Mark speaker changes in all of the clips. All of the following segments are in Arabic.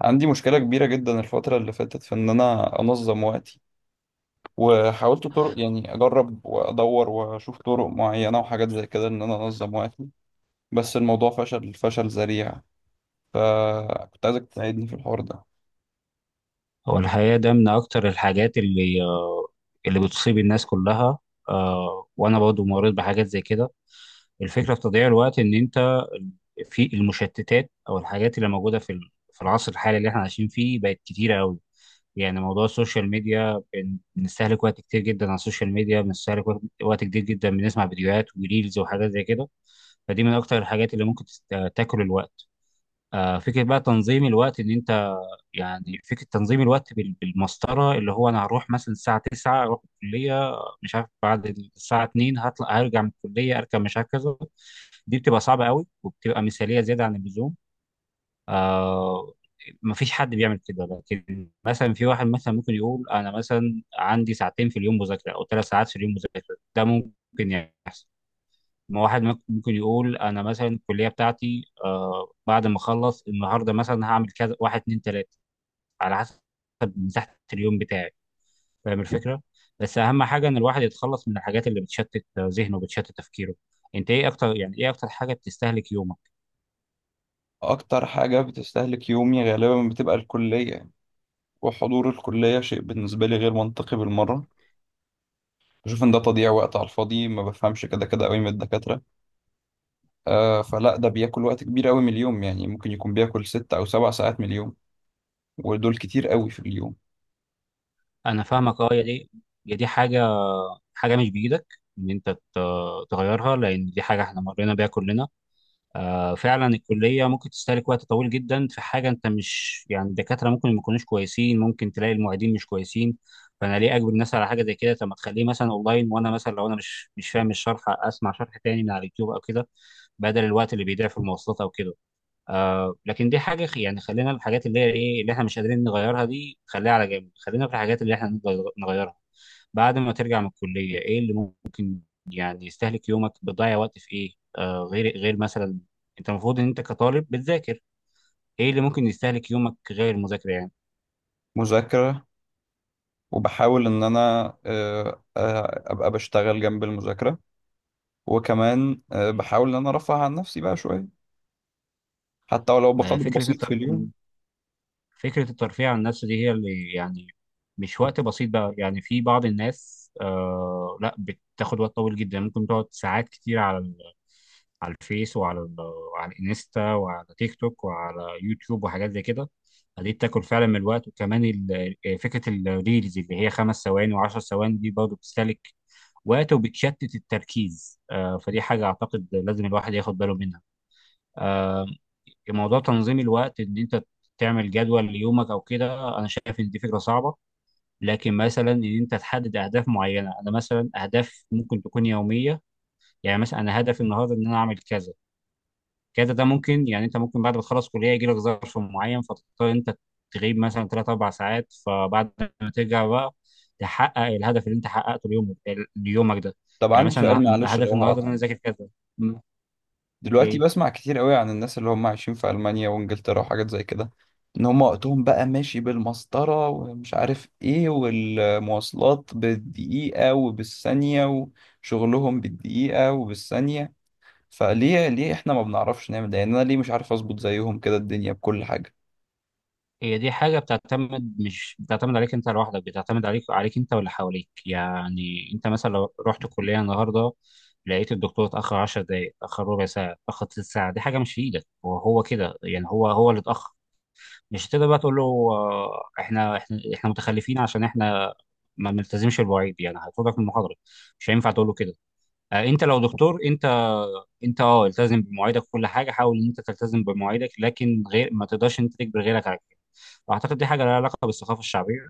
Speaker 1: عندي مشكلة كبيرة جدا الفترة اللي فاتت في إن أنا أنظم وقتي. وحاولت طرق، أجرب وأدور وأشوف طرق معينة وحاجات زي كده إن أنا أنظم وقتي، بس الموضوع فشل ذريع. فكنت عايزك تساعدني في الحوار ده.
Speaker 2: هو الحقيقة ده من أكتر الحاجات اللي اللي بتصيب الناس كلها. وأنا برضو مريت بحاجات زي كده. الفكرة في تضييع الوقت إن أنت في المشتتات أو الحاجات اللي موجودة في العصر الحالي اللي إحنا عايشين فيه بقت كتيرة أوي. يعني موضوع السوشيال ميديا بنستهلك وقت كتير جدا على السوشيال ميديا بنستهلك وقت كتير جدا، بنسمع فيديوهات وريلز وحاجات زي كده. فدي من أكتر الحاجات اللي ممكن تاكل الوقت. فكرة بقى تنظيم الوقت إن أنت، يعني فكرة تنظيم الوقت بالمسطرة اللي هو أنا هروح مثلا الساعة 9 أروح الكلية، مش عارف بعد الساعة 2 هطلع هرجع من الكلية أركب مش عارف كذا. دي بتبقى صعبة قوي وبتبقى مثالية زيادة عن اللزوم. آه مفيش حد بيعمل كده. لكن مثلا في واحد مثلا ممكن يقول أنا مثلا عندي ساعتين في اليوم مذاكرة أو ثلاث ساعات في اليوم مذاكرة، ده ممكن. يعني ما واحد ممكن يقول أنا مثلا الكلية بتاعتي بعد ما أخلص النهاردة مثلا هعمل كذا، واحد اتنين تلاتة، على حسب مساحه اليوم بتاعي. فاهم الفكره؟ بس اهم حاجه ان الواحد يتخلص من الحاجات اللي بتشتت ذهنه وبتشتت تفكيره. انت ايه اكتر، يعني ايه اكتر حاجه بتستهلك يومك؟
Speaker 1: أكتر حاجة بتستهلك يومي غالبا بتبقى الكلية، وحضور الكلية شيء بالنسبة لي غير منطقي بالمرة. بشوف إن ده تضييع وقت على الفاضي، ما بفهمش كده كده قوي من الدكاترة. فلا، ده بياكل وقت كبير قوي من اليوم، يعني ممكن يكون بياكل 6 أو 7 ساعات من اليوم، ودول كتير قوي في اليوم.
Speaker 2: انا فاهمك. اه، يا دي يا دي حاجه، حاجه مش بايدك ان انت تغيرها، لان دي حاجه احنا مرينا بيها كلنا. فعلا الكلية ممكن تستهلك وقت طويل جدا في حاجة أنت مش، يعني الدكاترة ممكن ما يكونوش كويسين، ممكن تلاقي المعيدين مش كويسين. فأنا ليه أجبر الناس على حاجة زي كده؟ طب ما تخليه مثلا أونلاين، وأنا مثلا لو أنا مش فاهم الشرح أسمع شرح تاني من على اليوتيوب أو كده، بدل الوقت اللي بيضيع في المواصلات أو كده. لكن دي حاجة يعني خلينا الحاجات اللي هي إيه، اللي إحنا مش قادرين نغيرها دي خليها على جنب، خلينا في الحاجات اللي إحنا نقدر نغيرها. بعد ما ترجع من الكلية إيه اللي يعني يستهلك يومك، بتضيع وقت في ايه غير مثلا؟ انت المفروض ان انت كطالب بتذاكر، ايه اللي ممكن يستهلك يومك غير المذاكره يعني؟
Speaker 1: مذاكرة، وبحاول إن أنا أبقى بشتغل جنب المذاكرة، وكمان بحاول إن أنا أرفه عن نفسي بقى شوية، حتى ولو
Speaker 2: ما
Speaker 1: بقدر
Speaker 2: فكره
Speaker 1: بسيط في اليوم.
Speaker 2: الترفيه، فكرة الترفيه عن النفس دي هي اللي يعني مش وقت بسيط بقى، يعني في بعض الناس لا بتاخد وقت طويل جدا، ممكن تقعد ساعات كتير على الفيس وعلى الانستا وعلى تيك توك وعلى يوتيوب وحاجات زي كده. دي بتاكل فعلا من الوقت، وكمان فكرة الريلز اللي هي خمس ثواني وعشر ثواني دي برضه بتستهلك وقت وبتشتت التركيز. فدي حاجة أعتقد لازم الواحد ياخد باله منها. موضوع تنظيم الوقت ان انت تعمل جدول ليومك او كده، انا شايف ان دي فكره صعبه، لكن مثلا ان انت تحدد اهداف معينه، انا مثلا اهداف ممكن تكون يوميه. يعني مثلا انا هدفي النهارده ان انا اعمل كذا كذا، ده ممكن. يعني انت ممكن بعد ما تخلص كليه يجي لك ظرف معين فتضطر انت تغيب مثلا 3 4 ساعات، فبعد ما ترجع بقى تحقق الهدف اللي انت حققته اليوم ليومك ده.
Speaker 1: طب
Speaker 2: يعني
Speaker 1: عندي سؤال،
Speaker 2: مثلا
Speaker 1: معلش
Speaker 2: هدفي
Speaker 1: لو
Speaker 2: النهارده ان
Speaker 1: هقطع.
Speaker 2: انا اذاكر كذا. م،
Speaker 1: دلوقتي
Speaker 2: اوكي.
Speaker 1: بسمع كتير قوي عن الناس اللي هم عايشين في ألمانيا وإنجلترا وحاجات زي كده، إن هم وقتهم بقى ماشي بالمسطرة ومش عارف إيه، والمواصلات بالدقيقة وبالثانية، وشغلهم بالدقيقة وبالثانية. فليه احنا ما بنعرفش نعمل ده؟ يعني انا ليه مش عارف اظبط زيهم كده الدنيا بكل حاجة؟
Speaker 2: هي دي حاجة بتعتمد، مش بتعتمد عليك انت لوحدك، بتعتمد عليك انت واللي حواليك. يعني انت مثلا لو رحت الكلية النهاردة لقيت الدكتور اتأخر 10 دقايق، اتأخر ربع ساعة، اتأخر تلت ساعة، دي حاجة مش في ايدك، وهو كده يعني هو اللي اتأخر. مش هتقدر بقى تقول له احنا متخلفين عشان احنا ما بنلتزمش بالمواعيد، يعني هيطردك من المحاضرة، مش هينفع تقول له كده. انت لو دكتور، انت انت التزم بمواعيدك، وكل حاجه حاول ان انت تلتزم بمواعيدك، لكن غير ما تقدرش ان انت تجبر غيرك على كده. اعتقد دي حاجه لها علاقه بالثقافه الشعبيه،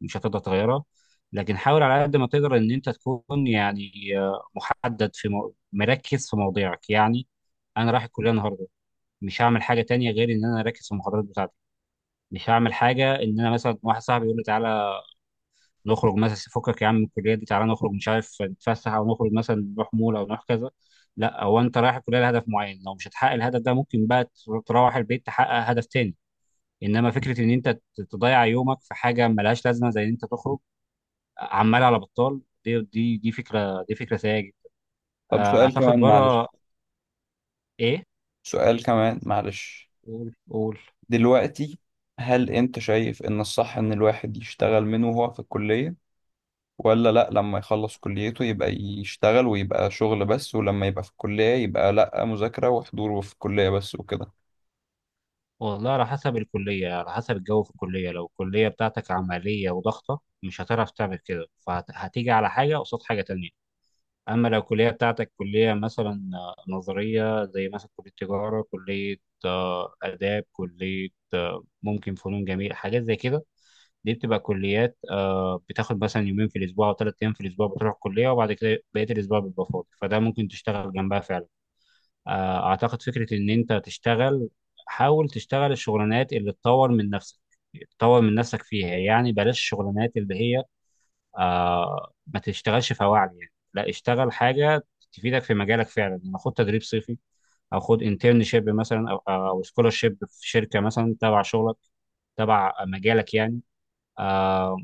Speaker 2: مش هتقدر تغيرها، لكن حاول على قد ما تقدر ان انت تكون يعني مركز في مواضيعك. يعني انا رايح الكليه النهارده، مش هعمل حاجه تانية غير ان انا اركز في المحاضرات بتاعتي، مش هعمل حاجه ان انا مثلا واحد صاحبي يقول لي تعالى نخرج مثلا، فكك يا عم من الكليه دي تعالى نخرج مش عارف نتفسح، او نخرج مثلا نروح مول او نروح كذا. لا، هو انت رايح الكليه لهدف معين، لو مش هتحقق الهدف ده ممكن بقى تروح البيت تحقق هدف تاني. انما فكره ان انت تضيع يومك في حاجه ملهاش لازمه زي ان انت تخرج عمال على بطال، دي دي فكره سيئه جدا.
Speaker 1: طب سؤال
Speaker 2: اعتقد
Speaker 1: كمان معلش.
Speaker 2: بره. ايه؟
Speaker 1: سؤال كمان معلش
Speaker 2: قول قول.
Speaker 1: دلوقتي هل انت شايف ان الصح ان الواحد يشتغل من وهو في الكلية، ولا لا لما يخلص كليته يبقى يشتغل ويبقى شغل بس، ولما يبقى في الكلية يبقى لا، مذاكرة وحضور في الكلية بس وكده؟
Speaker 2: والله على حسب الكلية، على حسب الجو في الكلية. لو الكلية بتاعتك عملية وضغطة مش هتعرف تعمل كده، فهتيجي على حاجة قصاد حاجة تانية. أما لو الكلية بتاعتك كلية مثلا نظرية، زي مثلا كلية تجارة، كلية آداب، كلية ممكن فنون جميلة، حاجات زي كده، دي بتبقى كليات بتاخد مثلا يومين في الأسبوع أو ثلاث أيام في الأسبوع بتروح الكلية، وبعد كده بقية الأسبوع بيبقى فاضي، فده ممكن تشتغل جنبها فعلا. أعتقد فكرة إن أنت تشتغل، حاول تشتغل الشغلانات اللي تطور من نفسك، تطور من نفسك فيها. يعني بلاش الشغلانات اللي هي ما تشتغلش فواعل. يعني لا، اشتغل حاجه تفيدك في مجالك فعلا، يعني خد تدريب صيفي، او خد انترنشيب مثلا، او او سكولرشيب في شركه مثلا تبع شغلك، تبع مجالك يعني. آه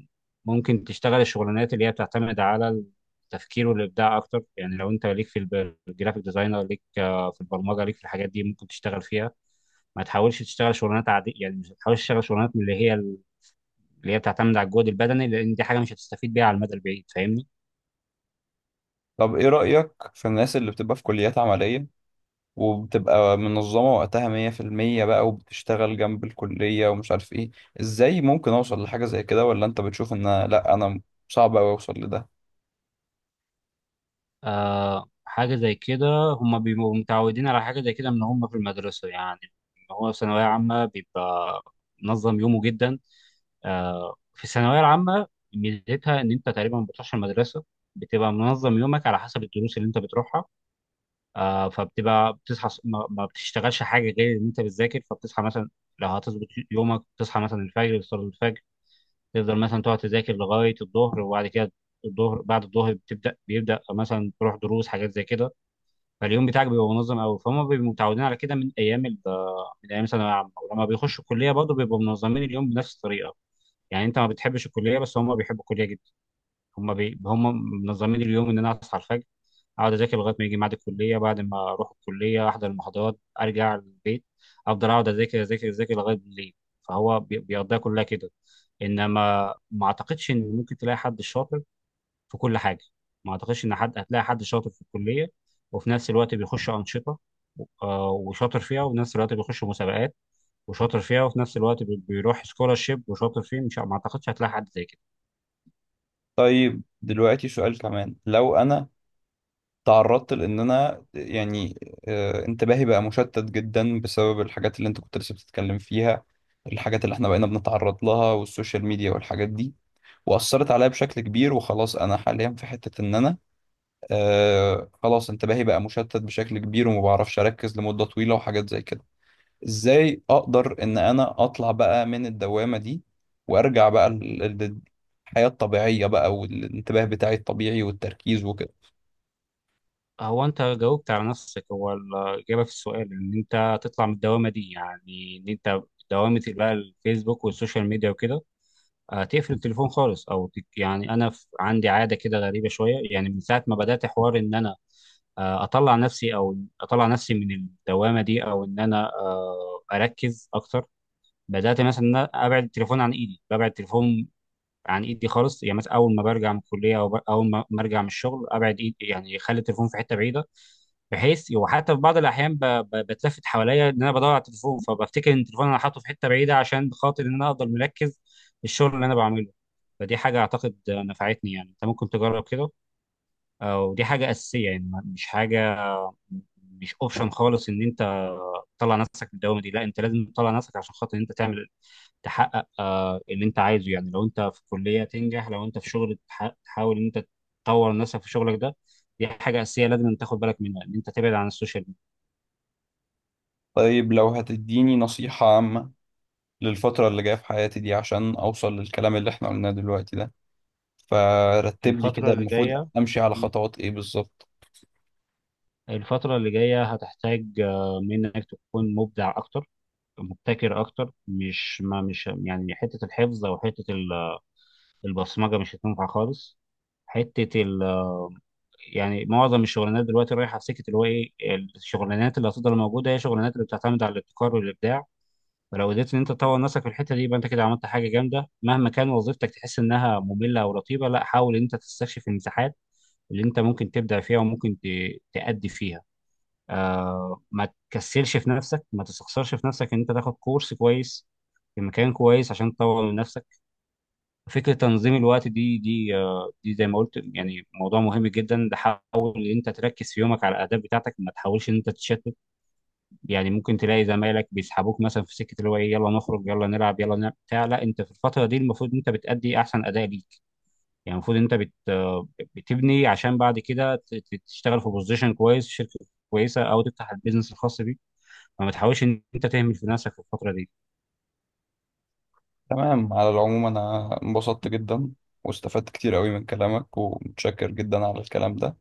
Speaker 2: ممكن تشتغل الشغلانات اللي هي بتعتمد على التفكير والابداع اكتر. يعني لو انت ليك الجرافيك ديزاينر، ليك في البرمجه، ليك في الحاجات دي، ممكن تشتغل فيها. ما تحاولش تشتغل شغلانات عادية، يعني مش تحاولش تشتغل شغلانات من اللي هي اللي هي بتعتمد على الجهد البدني، لان دي حاجه مش هتستفيد بيها على المدى البعيد. فاهمني؟
Speaker 1: طب ايه رأيك في الناس اللي بتبقى في كليات عملية وبتبقى منظمة وقتها 100% بقى، وبتشتغل جنب الكلية ومش عارف ايه؟ ازاي ممكن اوصل لحاجة زي كده؟ ولا انت بتشوف ان لا، انا صعب اوي اوصل لده؟
Speaker 2: حاجة زي كده هم بيبقوا متعودين على حاجة زي كده من هم في المدرسة. يعني هو في ثانوية عامة بيبقى منظم يومه جدا. في الثانوية العامة ميزتها إن أنت تقريبا ما بتروحش المدرسة، بتبقى منظم يومك على حسب الدروس اللي أنت بتروحها. فبتبقى بتصحى ما بتشتغلش حاجة غير إن أنت بتذاكر، فبتصحى مثلا، لو هتظبط يومك، تصحى مثلا الفجر تصلي الفجر، تفضل مثلا تقعد تذاكر لغاية الظهر، وبعد كده الظهر بعد الظهر بتبدأ بيبدأ مثلا تروح دروس حاجات زي كده، فاليوم بتاعك بيبقى منظم قوي. فهم بيبقوا متعودين على كده من ايام ثانويه عامه، ولما بيخشوا الكليه برضه بيبقوا منظمين اليوم بنفس الطريقه. يعني انت ما بتحبش الكليه، بس هم بيحبوا الكليه جدا، هم منظمين اليوم ان انا اصحى الفجر اقعد اذاكر لغايه ما يجي ميعاد الكليه، بعد ما اروح الكليه احضر المحاضرات ارجع البيت افضل اقعد اذاكر اذاكر لغايه بالليل. فهو بيقضيها كلها كده. انما ما اعتقدش ان ممكن تلاقي حد شاطر في كل حاجه، ما اعتقدش ان حد هتلاقي حد شاطر في الكليه وفي نفس الوقت بيخش انشطه وشاطر فيها، وفي نفس الوقت بيخش مسابقات وشاطر فيها، وفي نفس الوقت بيروح سكولارشيب وشاطر فيه. مش، ما اعتقدش هتلاقي حد زي كده.
Speaker 1: طيب دلوقتي سؤال كمان. لو انا تعرضت لان انا انتباهي بقى مشتت جدا بسبب الحاجات اللي انت كنت لسه بتتكلم فيها، الحاجات اللي احنا بقينا بنتعرض لها والسوشيال ميديا والحاجات دي، وأثرت عليا بشكل كبير، وخلاص أنا حاليا في حتة إن أنا خلاص انتباهي بقى مشتت بشكل كبير، وما بعرفش اركز لمدة طويلة وحاجات زي كده. ازاي اقدر ان انا اطلع بقى من الدوامة دي، وارجع بقى للحياة الطبيعية بقى، والانتباه بتاعي الطبيعي والتركيز وكده؟
Speaker 2: هو انت جاوبت على نفسك، هو الاجابه في السؤال ان انت تطلع من الدوامه دي، يعني ان انت دوامه بقى الفيسبوك والسوشيال ميديا وكده. تقفل التليفون خالص او يعني انا عندي عاده كده غريبه شويه، يعني من ساعه ما بدات حوار ان انا اطلع نفسي، او اطلع نفسي من الدوامه دي، او ان انا اركز اكتر، بدات مثلا ان انا ابعد التليفون عن ايدي، ببعد التليفون عن ايدي خالص. يعني مثلا اول ما برجع من الكليه، او اول ما ارجع من الشغل ابعد ايدي، يعني اخلي التليفون في حته بعيده، بحيث وحتى في بعض الاحيان بتلفت حواليا ان انا بدور على التليفون، فبفتكر ان التليفون انا حاطه في حته بعيده عشان خاطر ان انا افضل مركز في الشغل اللي انا بعمله. فدي حاجه اعتقد نفعتني، يعني انت ممكن تجرب كده. ودي حاجه اساسيه، يعني مش حاجه مش اوبشن خالص ان انت تطلع نفسك من الدوامه دي، لا انت لازم تطلع نفسك عشان خاطر ان انت تعمل، تحقق اللي انت عايزه. يعني لو انت في كليه تنجح، لو انت في شغل تحاول ان انت تطور نفسك في شغلك ده. دي حاجه اساسيه لازم أن تاخد بالك منها، ان انت تبعد عن السوشيال ميديا.
Speaker 1: طيب لو هتديني نصيحة عامة للفترة اللي جاية في حياتي دي عشان اوصل للكلام اللي احنا قلناه دلوقتي ده، فرتب لي
Speaker 2: الفتره
Speaker 1: كده
Speaker 2: اللي
Speaker 1: المفروض
Speaker 2: جايه،
Speaker 1: امشي على خطوات ايه بالظبط.
Speaker 2: الفتره اللي جايه هتحتاج منك تكون مبدع اكتر، مبتكر اكتر. مش، ما مش يعني حته الحفظ او حته البصمجه مش هتنفع خالص. حته ال يعني معظم الشغلانات دلوقتي رايحه في سكه اللي هو ايه، الشغلانات اللي هتفضل موجوده هي الشغلانات اللي بتعتمد على الابتكار والابداع. فلو قدرت ان انت تطور نفسك في الحته دي يبقى انت كده عملت حاجه جامده. مهما كان وظيفتك تحس انها ممله او رتيبه، لا حاول ان انت تستكشف المساحات اللي انت ممكن تبدع فيها وممكن تأدي فيها. ما تكسلش في نفسك، ما تستخسرش في نفسك ان انت تاخد كورس كويس في مكان كويس عشان تطور من نفسك. فكرة تنظيم الوقت دي زي ما قلت يعني موضوع مهم جدا. ده حاول ان انت تركز في يومك على الاهداف بتاعتك، ما تحاولش ان انت تتشتت، يعني ممكن تلاقي زمايلك بيسحبوك مثلا في سكة اللي هو ايه يلا نخرج يلا نلعب يلا نعمل بتاع. لا، انت في الفترة دي المفروض ان انت بتأدي احسن اداء ليك، يعني المفروض ان انت بت آه، بتبني عشان بعد كده تشتغل في بوزيشن كويس، شركة كويسة، او تفتح البيزنس الخاص بيك. فما تحاولش ان انت تهمل في نفسك في الفترة دي.
Speaker 1: تمام، على العموم أنا انبسطت جدا واستفدت كتير قوي من كلامك، ومتشكر جدا على الكلام ده،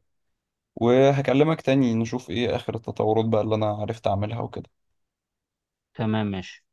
Speaker 1: وهكلمك تاني نشوف إيه آخر التطورات بقى اللي أنا عرفت أعملها وكده.
Speaker 2: تمام ماشي.